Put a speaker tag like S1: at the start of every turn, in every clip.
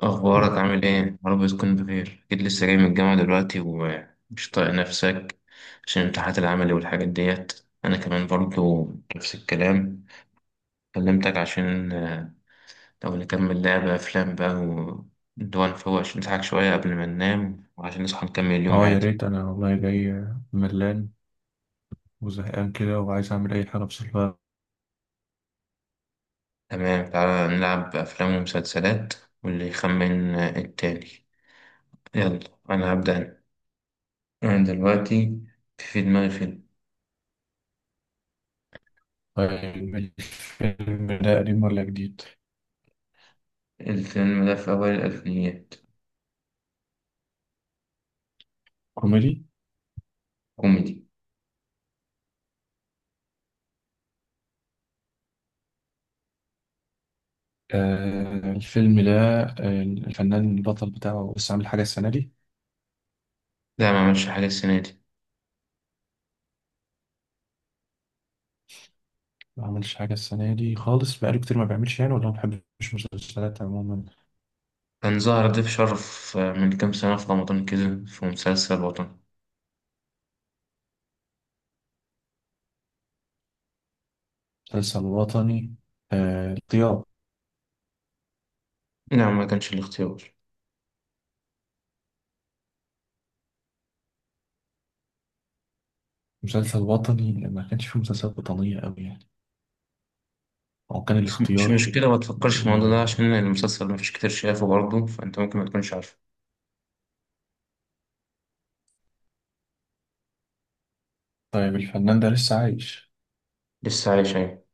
S1: أخبارك عامل إيه؟ يا رب تكون بخير، أكيد لسه جاي من الجامعة دلوقتي ومش طايق نفسك عشان الامتحانات العملي والحاجات ديت، أنا كمان برضو نفس الكلام. كلمتك عشان لو نكمل لعبة أفلام بقى ونروح نفوق عشان نضحك شوية قبل ما ننام وعشان نصحى نكمل اليوم
S2: اه، يا
S1: عادي.
S2: ريت. انا والله جاي ملان وزهقان كده، وعايز اعمل اي حاجه بصراحه.
S1: تمام، تعالى نلعب أفلام ومسلسلات، واللي يخمن التاني. يلا، أنا هبدأ أنا. أنا دلوقتي في دماغي فيلم.
S2: طيب، الفيلم ده قديم ولا جديد؟
S1: الفيلم ده في أوائل الألفينيات.
S2: كوميدي؟
S1: كوميدي.
S2: آه الفيلم ده آه، الفنان البطل بتاعه بس عامل حاجه السنه دي.
S1: لا، ما عملش حاجة السنة دي.
S2: ما عملش حاجه السنه دي خالص، بقاله كتير ما بيعملش يعني، ولا ما بحبش مسلسلات عموما.
S1: كان ظهر ضيف شرف من كام سنة في رمضان كده، في مسلسل وطني.
S2: مسلسل وطني؟ آه، الاختيار.
S1: نعم، ما كانش الاختيار.
S2: مسلسل وطني، ما كانش فيه مسلسلات وطنية أوي يعني. هو كان
S1: بس مش
S2: الاختيار؟
S1: مشكلة، ما تفكرش في
S2: و...
S1: الموضوع ده عشان المسلسل ما فيش كتير شافه برضه، فأنت ممكن ما تكونش عارفه.
S2: طيب، الفنان ده لسه عايش؟
S1: لسه عايش، أيوة.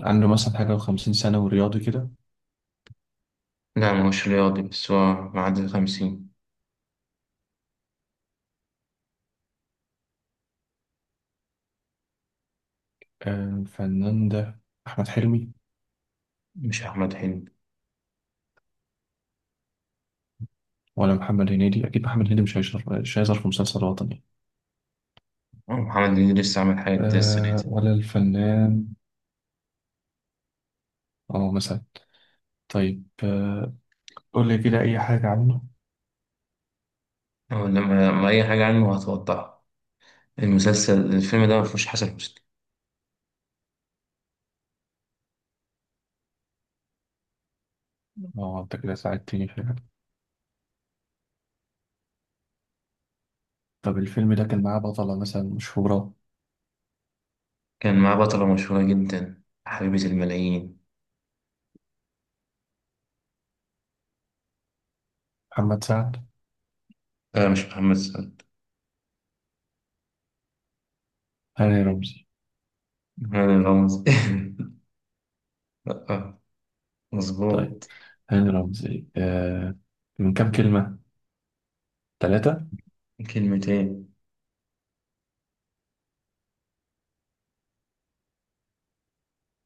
S2: عنده مثلا حاجة وخمسين سنة ورياضي كده؟
S1: لا، ما هوش رياضي، بس هو معدي الخمسين.
S2: آه، الفنان ده أحمد حلمي؟
S1: مش أحمد حلمي.
S2: ولا محمد هنيدي؟ أكيد محمد هنيدي مش هيظهر في مسلسل وطني.
S1: أه، محمد هنيدي لسه عامل حاجة جديدة السنة
S2: آه،
S1: دي.
S2: ولا الفنان. اه، مثلا. طيب، قول لي كده أي حاجة عنه.
S1: أو لما ما أي حاجة عنه هتوضحها. الفيلم ده ما فيهوش حسن حسني.
S2: اه، أنت كده ساعدتني فعلا. طب الفيلم ده كان معاه بطلة مثلا مشهورة؟
S1: كان معاه بطلة مشهورة جدا، حبيبة الملايين.
S2: محمد سعد؟
S1: آه، مش محمد سعد.
S2: هاني رمزي؟
S1: هذا غمز. لا،
S2: طيب،
S1: مظبوط.
S2: هاني رمزي. من كام كلمة؟ ثلاثة؟
S1: كلمتين.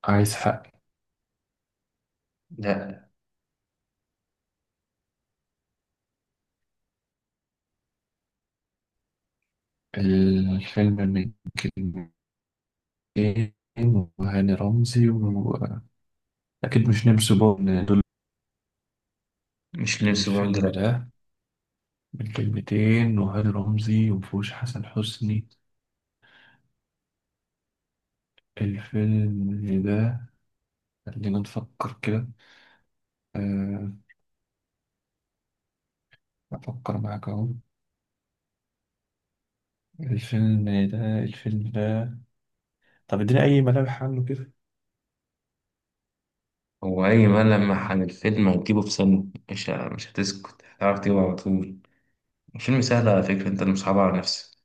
S2: عايز حق.
S1: لا،
S2: الفيلم من كلمتين وهاني رمزي، وأكيد مش نمسو بون دول.
S1: مش لمس بوند،
S2: الفيلم
S1: لا.
S2: ده من كلمتين وهاني رمزي، ومفهوش حسن حسني. الفيلم ده، خلينا نفكر كده. آه، أفكر معاك أهو. الفيلم الفيلم ده، طب اديني أي ملامح عنه كده.
S1: هو أي ملمح عن الفيلم هتجيبه في سنة، مش هتسكت، هتعرف تجيبه على طول. الفيلم سهل على فكرة، أنت اللي مصعبها على نفسك.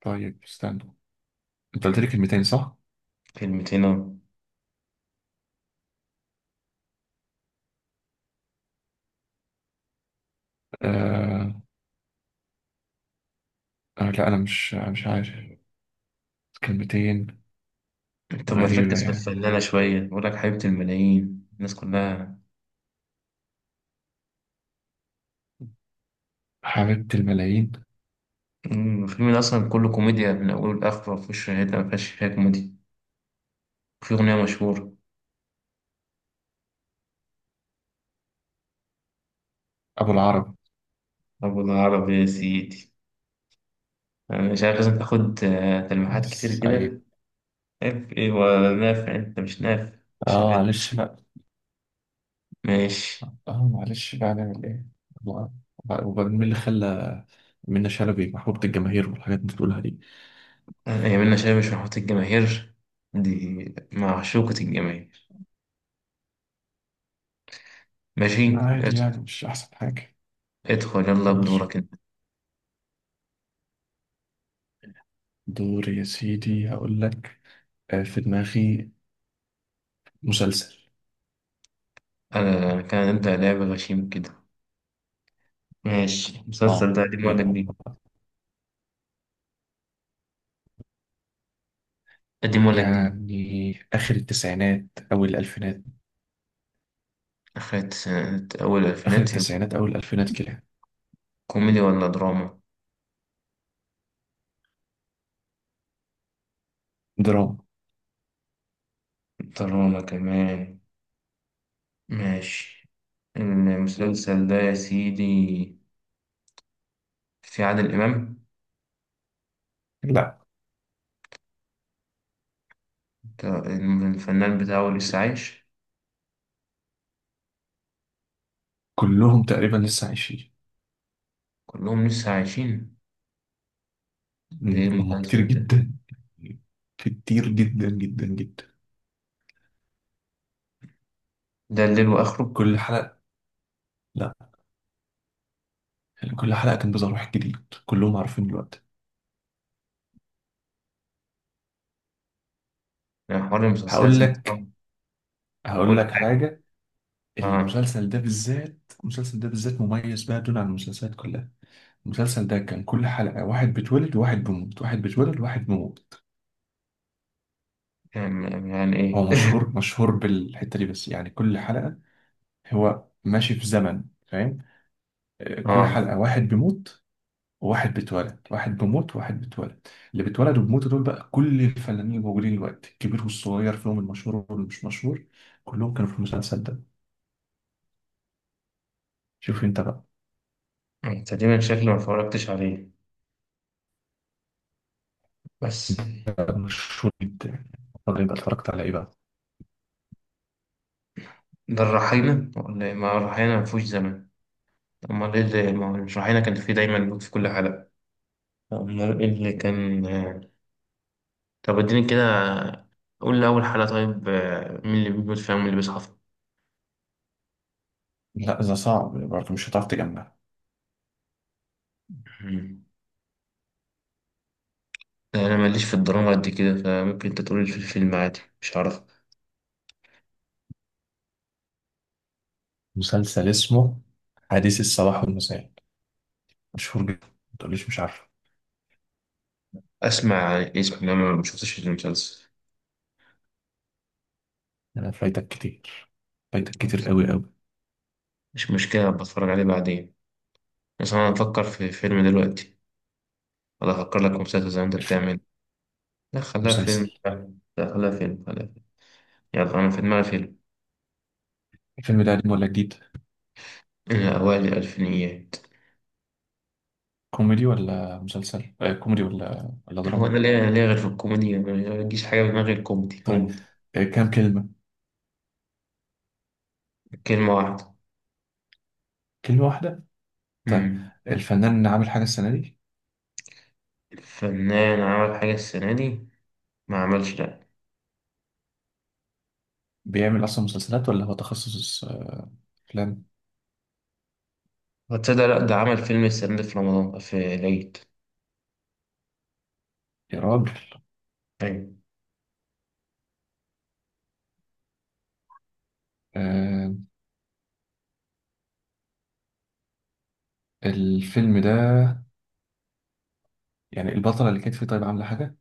S2: طيب، استنى. أنت قلت لي كلمتين صح؟
S1: كلمتين أهو.
S2: آه، آه، لا، أنا مش عارف. كلمتين.
S1: طب ما
S2: غريبة
S1: تركز في
S2: يعني.
S1: الفنانة شوية، بقول لك حبيبة الملايين، الناس كلها.
S2: حبيبة الملايين.
S1: الفيلم ده أصلا كله كوميديا من أوله لآخره، مفيهوش حتة مفيهاش فيها كوميديا. وفي أغنية مشهورة.
S2: أبو العرب.
S1: أبو العرب يا سيدي. أنا مش عارف، لازم تاخد تلميحات كتير كده.
S2: سعيد.
S1: ناف ايه هو، ناف انت مش ناف. شغال.
S2: معلش بقى.
S1: ماشي.
S2: آه معلش بقى، نعمل إيه. الله. وبعدين مين اللي خلى منة شلبي محبوبة الجماهير والحاجات اللي بتقولها دي؟
S1: يمنا شاي، مش محبط الجماهير، دي معشوقة الجماهير. ماشي.
S2: عادي
S1: ادخل،
S2: يعني، مش أحسن حاجة.
S1: ادخل يلا
S2: مش
S1: بدورك انت.
S2: دور يا سيدي، هقول لك. آه، في دماغي مسلسل.
S1: انا كان نبدأ لعب غشيم كده. ماشي، المسلسل
S2: آه،
S1: ده قديم ولا
S2: يلا
S1: جديد؟
S2: بقى.
S1: قديم ولا جديد؟
S2: يعني آخر التسعينات أول الألفينات.
S1: أخدت سنة، أول
S2: آخر
S1: الألفينات.
S2: التسعينات أول الألفينات كده.
S1: كوميدي ولا دراما؟
S2: دراما.
S1: دراما كمان. ماشي. المسلسل ده يا سيدي، في عادل إمام؟
S2: لا،
S1: ده الفنان بتاعه لسه عايش؟
S2: كلهم تقريبا لسه عايشين.
S1: كلهم لسه عايشين. ده ايه
S2: هم كتير
S1: المسلسل ده؟
S2: جدا، كتير جدا جدا جدا.
S1: ده الليل واخره.
S2: كل حلقة، لا، يعني كل حلقة كان بيظهر واحد جديد. كلهم عارفين دلوقتي.
S1: يعني حوار المسلسلات
S2: هقول
S1: انت.
S2: لك. هقول
S1: قول
S2: لك
S1: حاجة.
S2: حاجة.
S1: اه.
S2: المسلسل ده بالذات المسلسل ده بالذات مميز بقى دون عن المسلسلات كلها. المسلسل ده كان كل حلقة واحد بيتولد وواحد بيموت، واحد بيتولد وواحد بيموت.
S1: يعني ايه؟
S2: هو مشهور، مشهور بالحتة دي، بس يعني كل حلقة، هو ماشي في زمن فاهم. آه، كل
S1: اه،
S2: حلقة واحد بيموت، واحد بيتولد، واحد بيموت، واحد بيتولد. اللي بيتولد وبيموتوا دول بقى كل الفنانين الموجودين دلوقتي، الكبير والصغير فيهم، المشهور واللي مش مشهور. كلهم كانوا في المسلسل ده. شوف انت بقى.
S1: تقريبا شكلي ما اتفرجتش عليه، بس.
S2: انت بقى مشهور جدا. طب انت اتفرجت على ايه بقى؟
S1: ده الرحينة ولا إيه؟ ما الرحينة ما فيهوش زمن. امال ايه اللي، ما هو الرحينة كان فيه دايما لوت في كل حلقة. امال ايه اللي كان؟ طب اديني كده، قول لي اول حلقة طيب، مين اللي بيموت فيها ومين اللي بيصحى فيها؟
S2: لا، ده صعب برضه، مش هتعرف تجمع.
S1: مم. انا ماليش في الدراما قد كده، فممكن انت تقول لي في الفيلم عادي، مش عارف.
S2: مسلسل اسمه حديث الصباح والمساء، مشهور جدا، ما تقوليش مش عارفه.
S1: اسمع اسم، انا ما شفتش المسلسل.
S2: انا فايتك كتير، فايتك كتير قوي قوي.
S1: مش مشكله، بتفرج عليه بعدين. بس انا افكر في فيلم دلوقتي، ولا افكر لك في مسلسل زي ما انت
S2: الف-
S1: بتعمل؟ لا، خليها
S2: مسلسل.
S1: فيلم. لا، خليها فيلم، خليها فيلم. يلا، انا في دماغي فيلم.
S2: الفيلم ده قديم ولا جديد؟
S1: إيه، اوائل الالفينيات.
S2: كوميدي ولا
S1: هو
S2: دراما؟
S1: انا ليه غير في الكوميديا؟ ما بيجيش حاجه في دماغي غير كوميدي،
S2: طيب،
S1: كوميدي.
S2: كام كلمة؟
S1: كلمه واحده.
S2: كلمة واحدة؟ طيب،
S1: امم
S2: الفنان اللي عامل حاجة السنة دي.
S1: الفنان عمل حاجه السنه دي؟ ما عملش، لا.
S2: بيعمل أصلا مسلسلات، ولا هو تخصص أفلام؟
S1: هتصدق؟ لا، ده عمل فيلم السنه دي في رمضان، في العيد.
S2: يا راجل.
S1: ايوه.
S2: آه الفيلم ده، يعني البطلة اللي كانت فيه طيب عاملة حاجة؟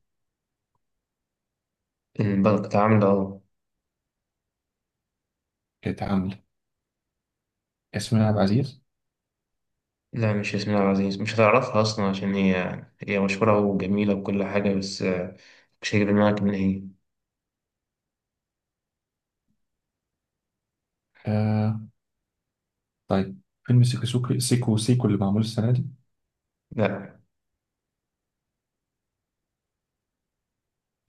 S1: البنك ده عامله.
S2: كانت عاملة ياسمين عبد العزيز؟
S1: لا، مش ياسمين عبد العزيز، مش هتعرفها أصلا عشان هي مشهورة وجميلة وكل حاجة، بس مش هيجي في دماغك من هي.
S2: آه طيب، فيلم سيكو سيكو اللي معمول السنة دي.
S1: لا،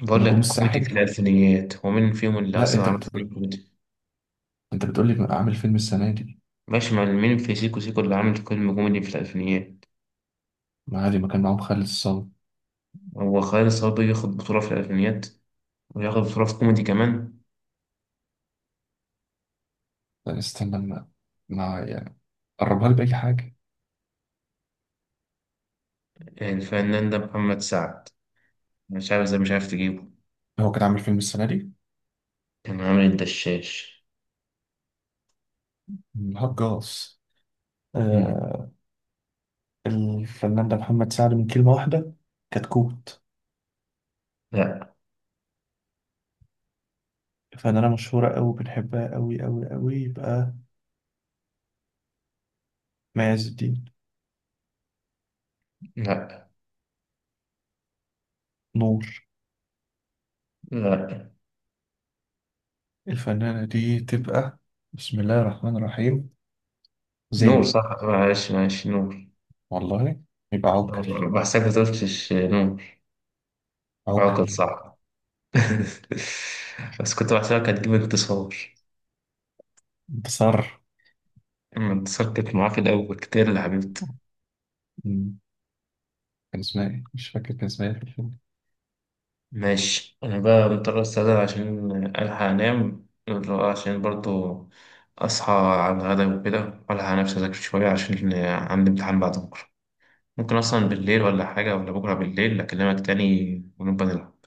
S1: بقول
S2: نجوم
S1: لك كوميدي في
S2: الساحل؟
S1: الألفينيات، ومين فيهم اللي
S2: لا،
S1: أصلا عرف إن كوميدي.
S2: أنت بتقول لي عامل فيلم السنة دي.
S1: ماشي، مع مين في سيكو سيكو اللي عامل فيلم كوميدي في الألفينيات؟
S2: ما عادي، ما كان معاهم خالد الصاوي.
S1: هو خالد صبري ياخد بطولة في الألفينيات، وياخد بطولة في كوميدي كمان؟
S2: لا، استنى، ما يعني قربها لي بأي حاجة.
S1: الفنان ده محمد سعد، مش عارف إزاي مش عارف تجيبه.
S2: هو كان عامل فيلم السنة دي؟
S1: كان عامل الدشاش.
S2: الهجاص.
S1: مم.
S2: آه، الفنان ده محمد سعد من كلمة واحدة. كتكوت.
S1: لا،
S2: فنانة مشهورة أوي بنحبها أوي أوي أوي، يبقى مي عز الدين.
S1: لا،
S2: نور.
S1: لا.
S2: الفنانة دي تبقى، بسم الله الرحمن الرحيم،
S1: نور،
S2: زينة.
S1: صح، معلش، معلش، نور.
S2: والله. يبقى عوكل.
S1: بحسك ما تقولش نمر. عقد،
S2: عوكل.
S1: صح. بس كنت بحسبك هتجيب انتصار.
S2: انتصار.
S1: اما انتصار كانت معاه في الأول كتير، اللي حبيبتي.
S2: مم. كان اسمها ايه؟ مش فاكر كان اسمها ايه.
S1: ماشي، أنا بقى مضطر أستأذن عشان ألحق أنام، عشان برضو أصحى على الغدا وكده، وألحق نفسي أذاكر شوية عشان عندي امتحان بعد بكرة. ممكن أصلا بالليل ولا حاجة، ولا بكرة بالليل، أكلمك تاني ونبقى نلعب.